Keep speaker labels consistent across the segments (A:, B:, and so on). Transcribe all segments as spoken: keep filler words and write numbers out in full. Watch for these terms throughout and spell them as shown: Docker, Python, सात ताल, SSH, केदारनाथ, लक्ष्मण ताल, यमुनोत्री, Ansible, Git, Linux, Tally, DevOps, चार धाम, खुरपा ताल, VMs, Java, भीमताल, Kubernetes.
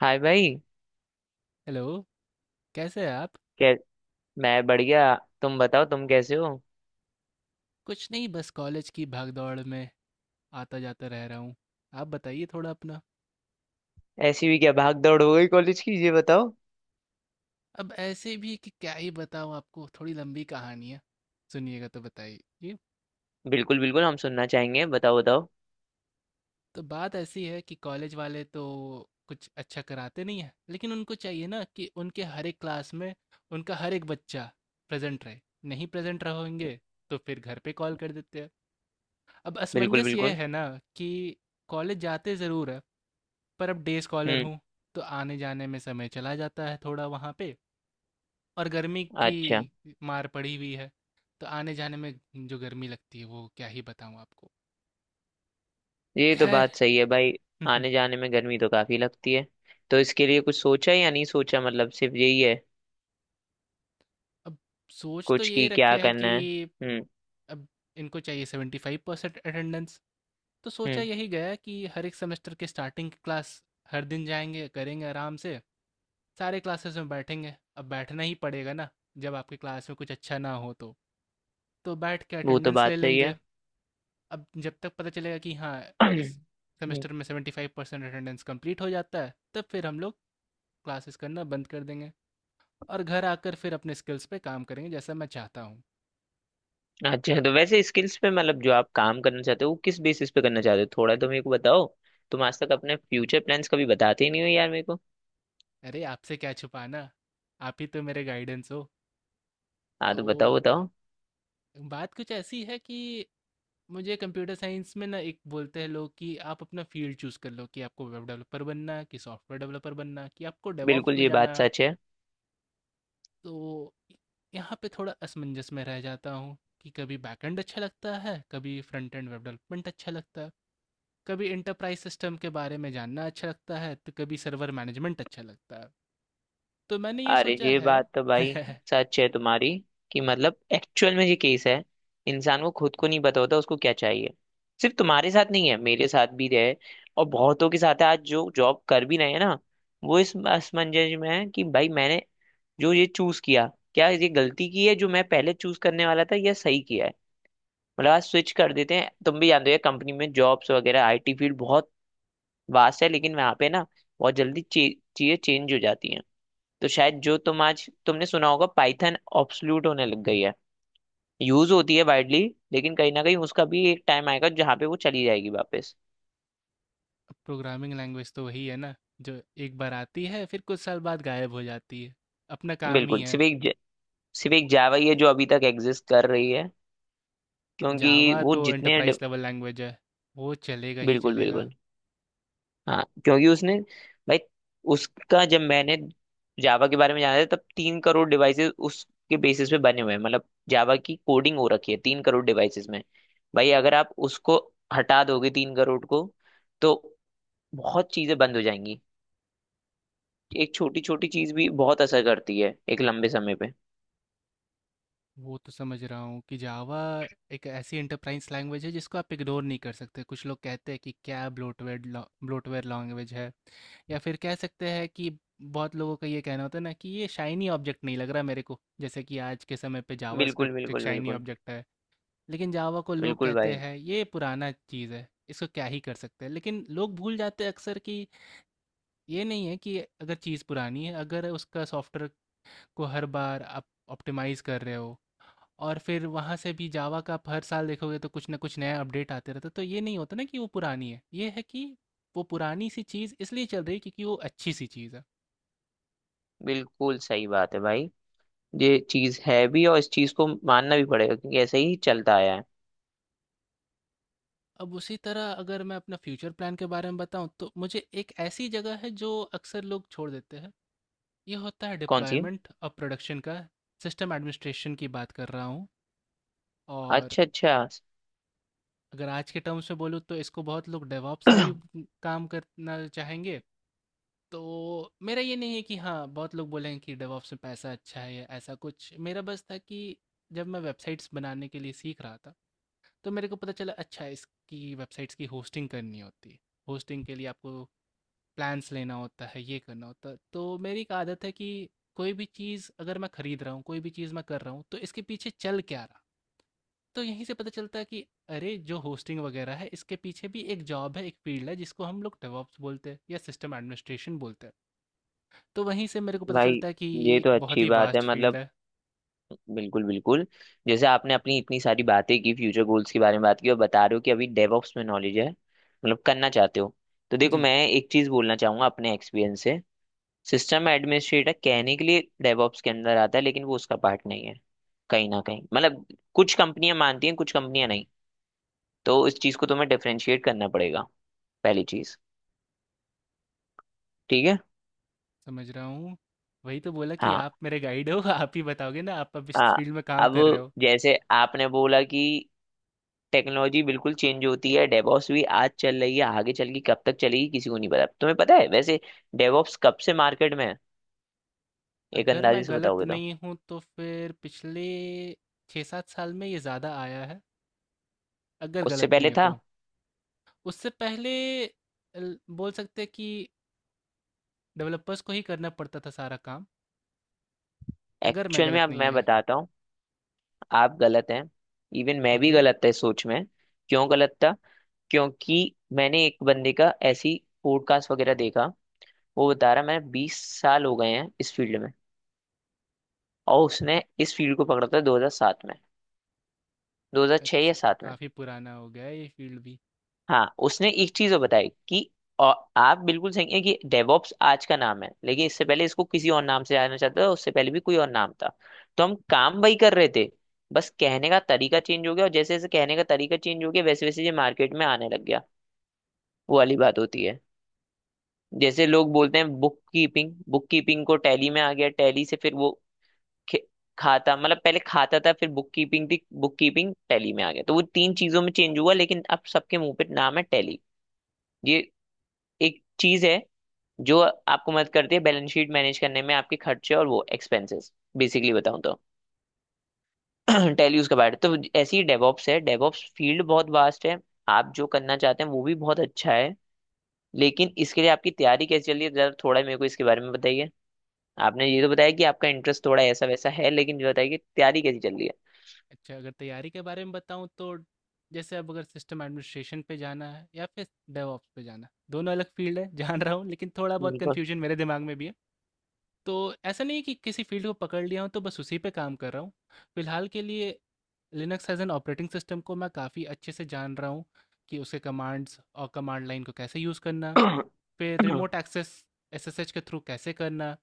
A: हाय भाई।
B: हेलो। कैसे हैं आप?
A: कै मैं बढ़िया। तुम बताओ तुम कैसे हो।
B: कुछ नहीं, बस कॉलेज की भागदौड़ में आता जाता रह रहा हूँ। आप बताइए थोड़ा अपना।
A: ऐसी भी क्या भाग दौड़ हो गई कॉलेज की ये बताओ।
B: अब ऐसे भी कि क्या ही बताऊँ आपको, थोड़ी लंबी कहानी है, सुनिएगा तो बताइए जी।
A: बिल्कुल बिल्कुल, हम सुनना चाहेंगे, बताओ बताओ।
B: तो बात ऐसी है कि कॉलेज वाले तो कुछ अच्छा कराते नहीं है, लेकिन उनको चाहिए ना कि उनके हर एक क्लास में उनका हर एक बच्चा प्रेजेंट रहे। नहीं प्रेजेंट रहेंगे तो फिर घर पे कॉल कर देते हैं। अब
A: बिल्कुल
B: असमंजस ये
A: बिल्कुल।
B: है ना कि कॉलेज जाते ज़रूर है पर अब डे स्कॉलर
A: हम्म।
B: हूँ। तो आने जाने में समय चला जाता है थोड़ा वहाँ पे। और गर्मी
A: अच्छा।
B: की मार पड़ी हुई है, तो आने जाने में जो गर्मी लगती है वो क्या ही बताऊँ आपको।
A: ये तो
B: खैर
A: बात सही है भाई। आने जाने में गर्मी तो काफी लगती है, तो इसके लिए कुछ सोचा या नहीं सोचा मतलब सिर्फ यही है।
B: अब सोच तो
A: कुछ
B: ये
A: की क्या
B: रखे है कि
A: करना है। हम्म।
B: अब इनको चाहिए सेवेंटी फाइव परसेंट अटेंडेंस। तो सोचा
A: हम्म।
B: यही गया कि हर एक सेमेस्टर के स्टार्टिंग की क्लास हर दिन जाएंगे, करेंगे आराम से, सारे क्लासेस में बैठेंगे। अब बैठना ही पड़ेगा ना, जब आपकी क्लास में कुछ अच्छा ना हो तो तो बैठ के
A: वो तो
B: अटेंडेंस
A: बात
B: ले
A: सही है।
B: लेंगे। अब जब तक पता चलेगा कि हाँ, इस
A: हम्म,
B: सेमेस्टर में seventy five percent attendance complete हो जाता है, तब फिर हम लोग क्लासेस करना बंद कर देंगे और घर आकर फिर अपने स्किल्स पे काम करेंगे जैसा मैं चाहता हूँ।
A: अच्छा। तो वैसे स्किल्स पे मतलब जो आप काम करना चाहते हो वो किस बेसिस पे करना चाहते हो थोड़ा तो मेरे को बताओ। तुम आज तक अपने फ्यूचर प्लान्स कभी बताते ही नहीं हो यार मेरे को।
B: अरे आपसे क्या छुपाना, आप ही तो मेरे गाइडेंस हो।
A: हाँ
B: तो
A: तो बताओ बताओ।
B: बात कुछ ऐसी है कि मुझे कंप्यूटर साइंस में ना एक बोलते हैं लोग कि आप अपना फील्ड चूज़ कर लो, कि आपको वेब डेवलपर बनना है कि सॉफ्टवेयर डेवलपर बनना है कि आपको डेवॉप्स
A: बिल्कुल
B: में
A: ये बात
B: जाना है।
A: सच है।
B: तो यहाँ पे थोड़ा असमंजस में रह जाता हूँ कि कभी बैकएंड अच्छा लगता है, कभी फ्रंट एंड वेब डेवलपमेंट अच्छा लगता है, कभी इंटरप्राइज सिस्टम के बारे में जानना अच्छा लगता है, तो कभी सर्वर मैनेजमेंट अच्छा लगता है। तो मैंने ये
A: अरे
B: सोचा
A: ये
B: है
A: बात तो भाई सच है तुम्हारी, कि मतलब एक्चुअल में ये केस है। इंसान को खुद को नहीं पता होता उसको क्या चाहिए। सिर्फ तुम्हारे साथ नहीं है, मेरे साथ भी है, और बहुतों के साथ है। आज जो जॉब कर भी रहे हैं ना, वो इस असमंजस में है कि भाई मैंने जो ये चूज किया क्या ये गलती की है, जो मैं पहले चूज करने वाला था, या सही किया है। मतलब आज स्विच कर देते हैं, तुम भी जानते हो कंपनी में जॉब्स वगैरह। आईटी फील्ड बहुत वास्ट है, लेकिन वहां पे ना बहुत जल्दी चे, चीजें चेंज हो जाती हैं। तो शायद जो तुम आज तुमने सुना होगा, पाइथन ऑब्सोल्यूट होने लग गई है, यूज होती है वाइडली, लेकिन कहीं ना कहीं उसका भी एक टाइम आएगा जहाँ पे वो चली जाएगी वापस।
B: प्रोग्रामिंग लैंग्वेज तो वही है ना, जो एक बार आती है फिर कुछ साल बाद गायब हो जाती है, अपना काम ही
A: बिल्कुल। सिर्फ
B: है।
A: एक ज- सिर्फ एक जावा ही है जो अभी तक एग्जिस्ट कर रही है, क्योंकि
B: जावा
A: वो
B: तो
A: जितने
B: एंटरप्राइज
A: डे-
B: लेवल लैंग्वेज है, वो चलेगा ही
A: बिल्कुल
B: चलेगा।
A: बिल्कुल। हाँ, क्योंकि उसने भाई, उसका जब मैंने जावा के बारे में जाना था, तब तीन करोड़ डिवाइसेस उसके बेसिस पे बने हुए हैं, मतलब जावा की कोडिंग हो रखी है तीन करोड़ डिवाइसेस में। भाई अगर आप उसको हटा दोगे तीन करोड़ को, तो बहुत चीजें बंद हो जाएंगी। एक छोटी छोटी चीज भी बहुत असर करती है एक लंबे समय पे।
B: वो तो समझ रहा हूँ कि जावा एक ऐसी एंटरप्राइज लैंग्वेज है जिसको आप इग्नोर नहीं कर सकते। कुछ लोग कहते हैं कि क्या ब्लोटवेयर ब्लोटवेयर लैंग्वेज है, या फिर कह सकते हैं कि बहुत लोगों का ये कहना होता है ना कि ये शाइनी ऑब्जेक्ट नहीं लग रहा मेरे को, जैसे कि आज के समय पे जावा
A: बिल्कुल
B: स्क्रिप्ट एक
A: बिल्कुल
B: शाइनी
A: बिल्कुल।
B: ऑब्जेक्ट है। लेकिन जावा को लोग
A: बिल्कुल
B: कहते
A: भाई,
B: हैं ये पुराना चीज़ है, इसको क्या ही कर सकते हैं। लेकिन लोग भूल जाते हैं अक्सर कि ये नहीं है कि अगर चीज़ पुरानी है। अगर उसका सॉफ्टवेयर को हर बार आप ऑप्टिमाइज़ कर रहे हो, और फिर वहाँ से भी जावा का आप हर साल देखोगे तो कुछ ना कुछ नया अपडेट आते रहता है, तो ये नहीं होता ना कि वो पुरानी है, ये है कि वो पुरानी सी चीज़ इसलिए चल रही है क्योंकि वो अच्छी सी चीज़ है।
A: बिल्कुल सही बात है भाई। ये चीज है भी, और इस चीज को मानना भी पड़ेगा, क्योंकि ऐसे ही चलता आया है।
B: अब उसी तरह अगर मैं अपना फ्यूचर प्लान के बारे में बताऊं तो मुझे एक ऐसी जगह है जो अक्सर लोग छोड़ देते हैं। ये होता है
A: कौन सी।
B: डिप्लॉयमेंट और प्रोडक्शन का। सिस्टम एडमिनिस्ट्रेशन की बात कर रहा हूँ। और
A: अच्छा अच्छा।
B: अगर आज के टर्म्स में बोलूँ तो इसको बहुत लोग डेवॉप्स में भी काम करना चाहेंगे। तो मेरा ये नहीं है कि हाँ, बहुत लोग बोलेंगे कि डेवॉप्स में पैसा अच्छा है या ऐसा कुछ। मेरा बस था कि जब मैं वेबसाइट्स बनाने के लिए सीख रहा था तो मेरे को पता चला, अच्छा इसकी वेबसाइट्स की होस्टिंग करनी होती है। होस्टिंग के लिए आपको प्लान्स लेना होता है, ये करना होता है। तो मेरी एक आदत है कि कोई भी चीज़ अगर मैं खरीद रहा हूँ, कोई भी चीज़ मैं कर रहा हूँ, तो इसके पीछे चल क्या रहा? तो यहीं से पता चलता है कि अरे जो होस्टिंग वगैरह है, इसके पीछे भी एक जॉब है, एक फील्ड है जिसको हम लोग डेवऑप्स बोलते हैं या सिस्टम एडमिनिस्ट्रेशन बोलते हैं। तो वहीं से मेरे को पता
A: भाई
B: चलता है कि ये
A: ये
B: एक
A: तो
B: बहुत
A: अच्छी
B: ही
A: बात है
B: वास्ट फील्ड
A: मतलब।
B: है।
A: बिल्कुल बिल्कुल। जैसे आपने अपनी इतनी सारी बातें की, फ्यूचर गोल्स के बारे में बात की, और बता रहे हो कि अभी डेवऑप्स में नॉलेज है, मतलब करना चाहते हो। तो देखो
B: जी,
A: मैं एक चीज बोलना चाहूंगा अपने एक्सपीरियंस से। सिस्टम एडमिनिस्ट्रेटर कहने के लिए डेवऑप्स के अंदर आता है, लेकिन वो उसका पार्ट नहीं है। कहीं ना कहीं मतलब कुछ कंपनियां मानती हैं, कुछ कंपनियां नहीं। तो इस चीज को तुम्हें डिफरेंशिएट करना पड़ेगा, पहली चीज। ठीक है।
B: समझ रहा हूँ। वही तो बोला कि
A: हाँ।
B: आप मेरे गाइड हो, आप ही बताओगे ना, आप अब इस
A: आ,
B: फील्ड में काम
A: अब
B: कर रहे हो।
A: जैसे आपने बोला कि टेक्नोलॉजी बिल्कुल चेंज होती है, डेवॉप्स भी आज चल रही है, आगे चल के कब तक चलेगी किसी को नहीं पता। तुम्हें पता है वैसे डेवॉप्स कब से मार्केट में है। एक
B: अगर मैं
A: अंदाजे से
B: गलत
A: बताओगे तो।
B: नहीं हूँ तो फिर पिछले छः सात साल में ये ज़्यादा आया है, अगर
A: उससे
B: गलत
A: पहले
B: नहीं हो
A: था।
B: तो। उससे पहले ल- बोल सकते हैं कि डेवलपर्स को ही करना पड़ता था सारा काम, अगर मैं
A: एक्चुअल में
B: गलत
A: अब
B: नहीं
A: मैं
B: है।
A: बताता हूँ। आप गलत हैं। इवन मैं भी
B: ओके।
A: गलत था इस सोच में। क्यों गलत था। क्योंकि मैंने एक बंदे का ऐसी पॉडकास्ट वगैरह देखा। वो बता रहा मैं बीस साल हो गए हैं इस फील्ड में, और उसने इस फील्ड को पकड़ा था दो हज़ार सात में, दो हज़ार छह या
B: अच्छा, तो
A: सात।
B: काफ़ी पुराना हो गया है ये फील्ड भी।
A: हाँ उसने एक चीज और बताई कि, और आप बिल्कुल सही है, कि डेवॉप्स आज का नाम है, लेकिन इससे पहले इसको किसी और नाम से जाना चाहता था, उससे पहले भी कोई और नाम था। तो हम काम वही कर रहे थे, बस कहने का तरीका चेंज हो गया, और जैसे जैसे कहने का तरीका चेंज हो गया, वैसे वैसे ये मार्केट में आने लग गया। वो वाली बात होती है, जैसे लोग बोलते हैं बुक कीपिंग। बुक कीपिंग को टैली में आ गया, टैली से फिर वो खे- खाता। मतलब पहले खाता था, फिर बुक कीपिंग थी, बुक कीपिंग टैली में आ गया, तो वो तीन चीजों में चेंज हुआ, लेकिन अब सबके मुंह पे नाम है टैली। ये एक चीज है जो आपको मदद करती है बैलेंस शीट मैनेज करने में, आपके खर्चे और वो एक्सपेंसेस बेसिकली बताऊं तो टेल यू उसके बारे, तो ऐसी ही डेवॉप्स है। डेवॉप्स फील्ड बहुत वास्ट है। आप जो करना चाहते हैं वो भी बहुत अच्छा है, लेकिन इसके लिए आपकी तैयारी कैसे चल रही है जरा थोड़ा मेरे को इसके बारे में बताइए। आपने ये तो बताया कि आपका इंटरेस्ट थोड़ा ऐसा वैसा है, लेकिन ये बताइए कि तैयारी कैसी चल रही है।
B: अच्छा, अगर तैयारी के बारे में बताऊँ तो जैसे अब अगर सिस्टम एडमिनिस्ट्रेशन पे जाना है या फिर डेवऑप्स पे जाना है, दोनों अलग फील्ड है जान रहा हूँ लेकिन थोड़ा बहुत
A: बिल्कुल।
B: कन्फ्यूजन मेरे दिमाग में भी है। तो ऐसा नहीं है कि किसी फील्ड को पकड़ लिया हूँ तो बस उसी पे काम कर रहा हूँ। फिलहाल के लिए Linux as an operating system को मैं काफ़ी अच्छे से जान रहा हूँ, कि उसके कमांड्स और कमांड लाइन को कैसे यूज़ करना, फिर रिमोट एक्सेस एसएसएच के थ्रू कैसे करना,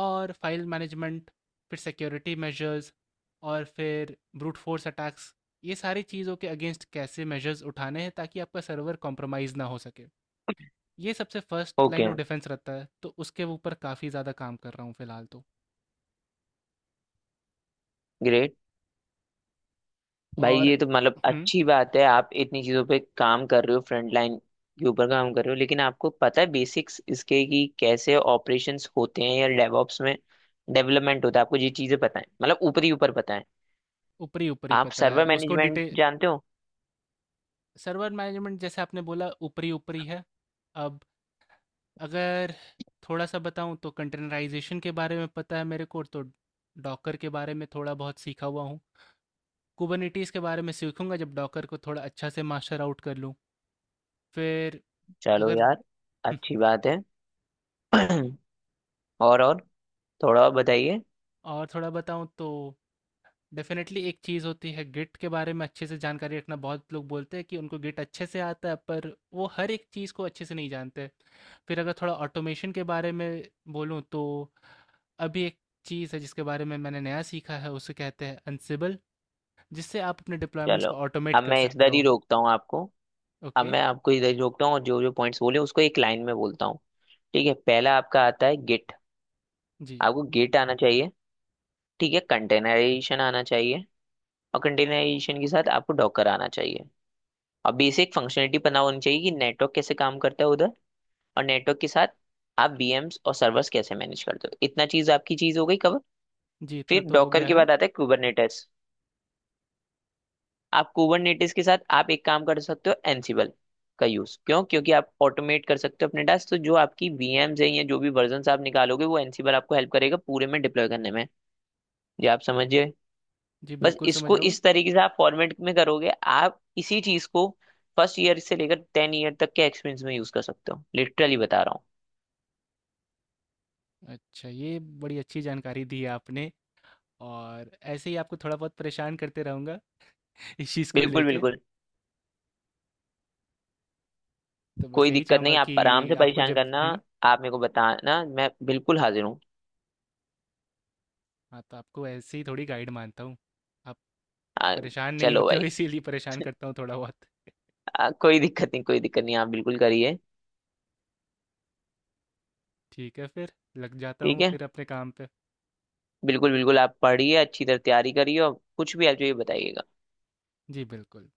B: और फाइल मैनेजमेंट, फिर सिक्योरिटी मेजर्स, और फिर ब्रूट फोर्स अटैक्स, ये सारी चीज़ों के अगेंस्ट कैसे मेजर्स उठाने हैं ताकि आपका सर्वर कॉम्प्रोमाइज़ ना हो सके। ये सबसे first line
A: okay,
B: of defence रहता है, तो उसके ऊपर काफ़ी ज़्यादा काम कर रहा हूँ फ़िलहाल तो।
A: ग्रेट। भाई
B: और
A: ये तो मतलब
B: हम्म।
A: अच्छी बात है, आप इतनी चीजों पे काम कर रहे हो, फ्रंट लाइन के ऊपर काम कर रहे हो, लेकिन आपको पता है बेसिक्स इसके कि कैसे ऑपरेशंस होते हैं या डेवऑप्स में डेवलपमेंट होता है, आपको ये चीजें पता है मतलब ऊपर ही ऊपर पता है।
B: ऊपरी ऊपरी
A: आप
B: पता है,
A: सर्वर
B: उसको
A: मैनेजमेंट
B: डिटेल।
A: जानते हो।
B: सर्वर मैनेजमेंट जैसे आपने बोला ऊपरी ऊपरी है। अब अगर थोड़ा सा बताऊं तो कंटेनराइजेशन के बारे में पता है मेरे को, तो डॉकर के बारे में थोड़ा बहुत सीखा हुआ हूँ। कुबरनिटीज़ के बारे में सीखूँगा जब डॉकर को थोड़ा अच्छा से मास्टर आउट कर लूँ। फिर
A: चलो
B: अगर
A: यार, अच्छी बात है। और और थोड़ा और बताइए।
B: और थोड़ा बताऊँ तो डेफ़िनेटली एक चीज़ होती है गिट के बारे में अच्छे से जानकारी रखना। बहुत लोग बोलते हैं कि उनको गिट अच्छे से आता है, पर वो हर एक चीज़ को अच्छे से नहीं जानते। फिर अगर थोड़ा ऑटोमेशन के बारे में बोलूँ तो अभी एक चीज़ है जिसके बारे में मैंने नया सीखा है, उसे कहते हैं अनसिबल, जिससे आप अपने डिप्लॉयमेंट्स
A: चलो
B: को ऑटोमेट
A: अब
B: कर
A: मैं
B: सकते
A: इधर ही
B: हो।
A: रोकता हूँ आपको। अब
B: ओके,
A: मैं आपको इधर ही रोकता हूँ, और जो जो पॉइंट्स बोले उसको एक लाइन में बोलता हूँ। ठीक है, पहला आपका आता है गिट।
B: जी।
A: आपको गिट आना चाहिए। ठीक है, कंटेनराइजेशन आना चाहिए, और कंटेनराइजेशन के साथ आपको डॉकर आना चाहिए। और बेसिक फंक्शनलिटी पता होनी चाहिए कि नेटवर्क कैसे काम करता है उधर। और नेटवर्क के साथ आप V Ms और सर्वर्स कैसे मैनेज करते हो, इतना चीज आपकी चीज हो गई कवर।
B: जी, इतना
A: फिर
B: तो हो
A: डॉकर
B: गया
A: के
B: है।
A: बाद आता है कुबरनेटिस। आप कुबरनेटिस के साथ आप एक काम कर सकते हो, एनसिबल का यूज क्यों, क्योंकि आप ऑटोमेट कर सकते हो अपने टास्क, तो जो आपकी V Ms है या जो भी वर्जन आप निकालोगे, वो एनसिबल आपको हेल्प करेगा पूरे में डिप्लॉय करने में। ये आप समझिए।
B: जी,
A: बस
B: बिल्कुल समझ
A: इसको
B: रहा हूँ।
A: इस तरीके से आप फॉर्मेट में करोगे, आप इसी चीज को फर्स्ट ईयर से लेकर टेन ईयर तक के एक्सपीरियंस में यूज कर सकते हो, लिटरली बता रहा हूँ।
B: अच्छा, ये बड़ी अच्छी जानकारी दी है आपने, और ऐसे ही आपको थोड़ा बहुत परेशान करते रहूँगा इस चीज़ को
A: बिल्कुल
B: लेके।
A: बिल्कुल।
B: तो बस
A: कोई
B: यही
A: दिक्कत
B: चाहूँगा
A: नहीं, आप
B: कि
A: आराम से
B: आपको
A: परेशान
B: जब
A: करना।
B: हम्म,
A: आप मेरे को बताना, मैं बिल्कुल हाजिर हूँ।
B: हाँ तो आपको ऐसे ही थोड़ी गाइड मानता हूँ आप।
A: आ,
B: परेशान नहीं
A: चलो
B: होते हो
A: भाई।
B: इसीलिए परेशान करता हूँ थोड़ा बहुत।
A: आ, कोई दिक्कत नहीं, कोई दिक्कत नहीं, आप बिल्कुल करिए।
B: ठीक है फिर लग जाता
A: ठीक
B: हूँ
A: है,
B: फिर अपने काम पे।
A: बिल्कुल बिल्कुल आप पढ़िए, अच्छी तरह तैयारी करिए, और कुछ भी आप जो ये बताइएगा।
B: जी बिल्कुल।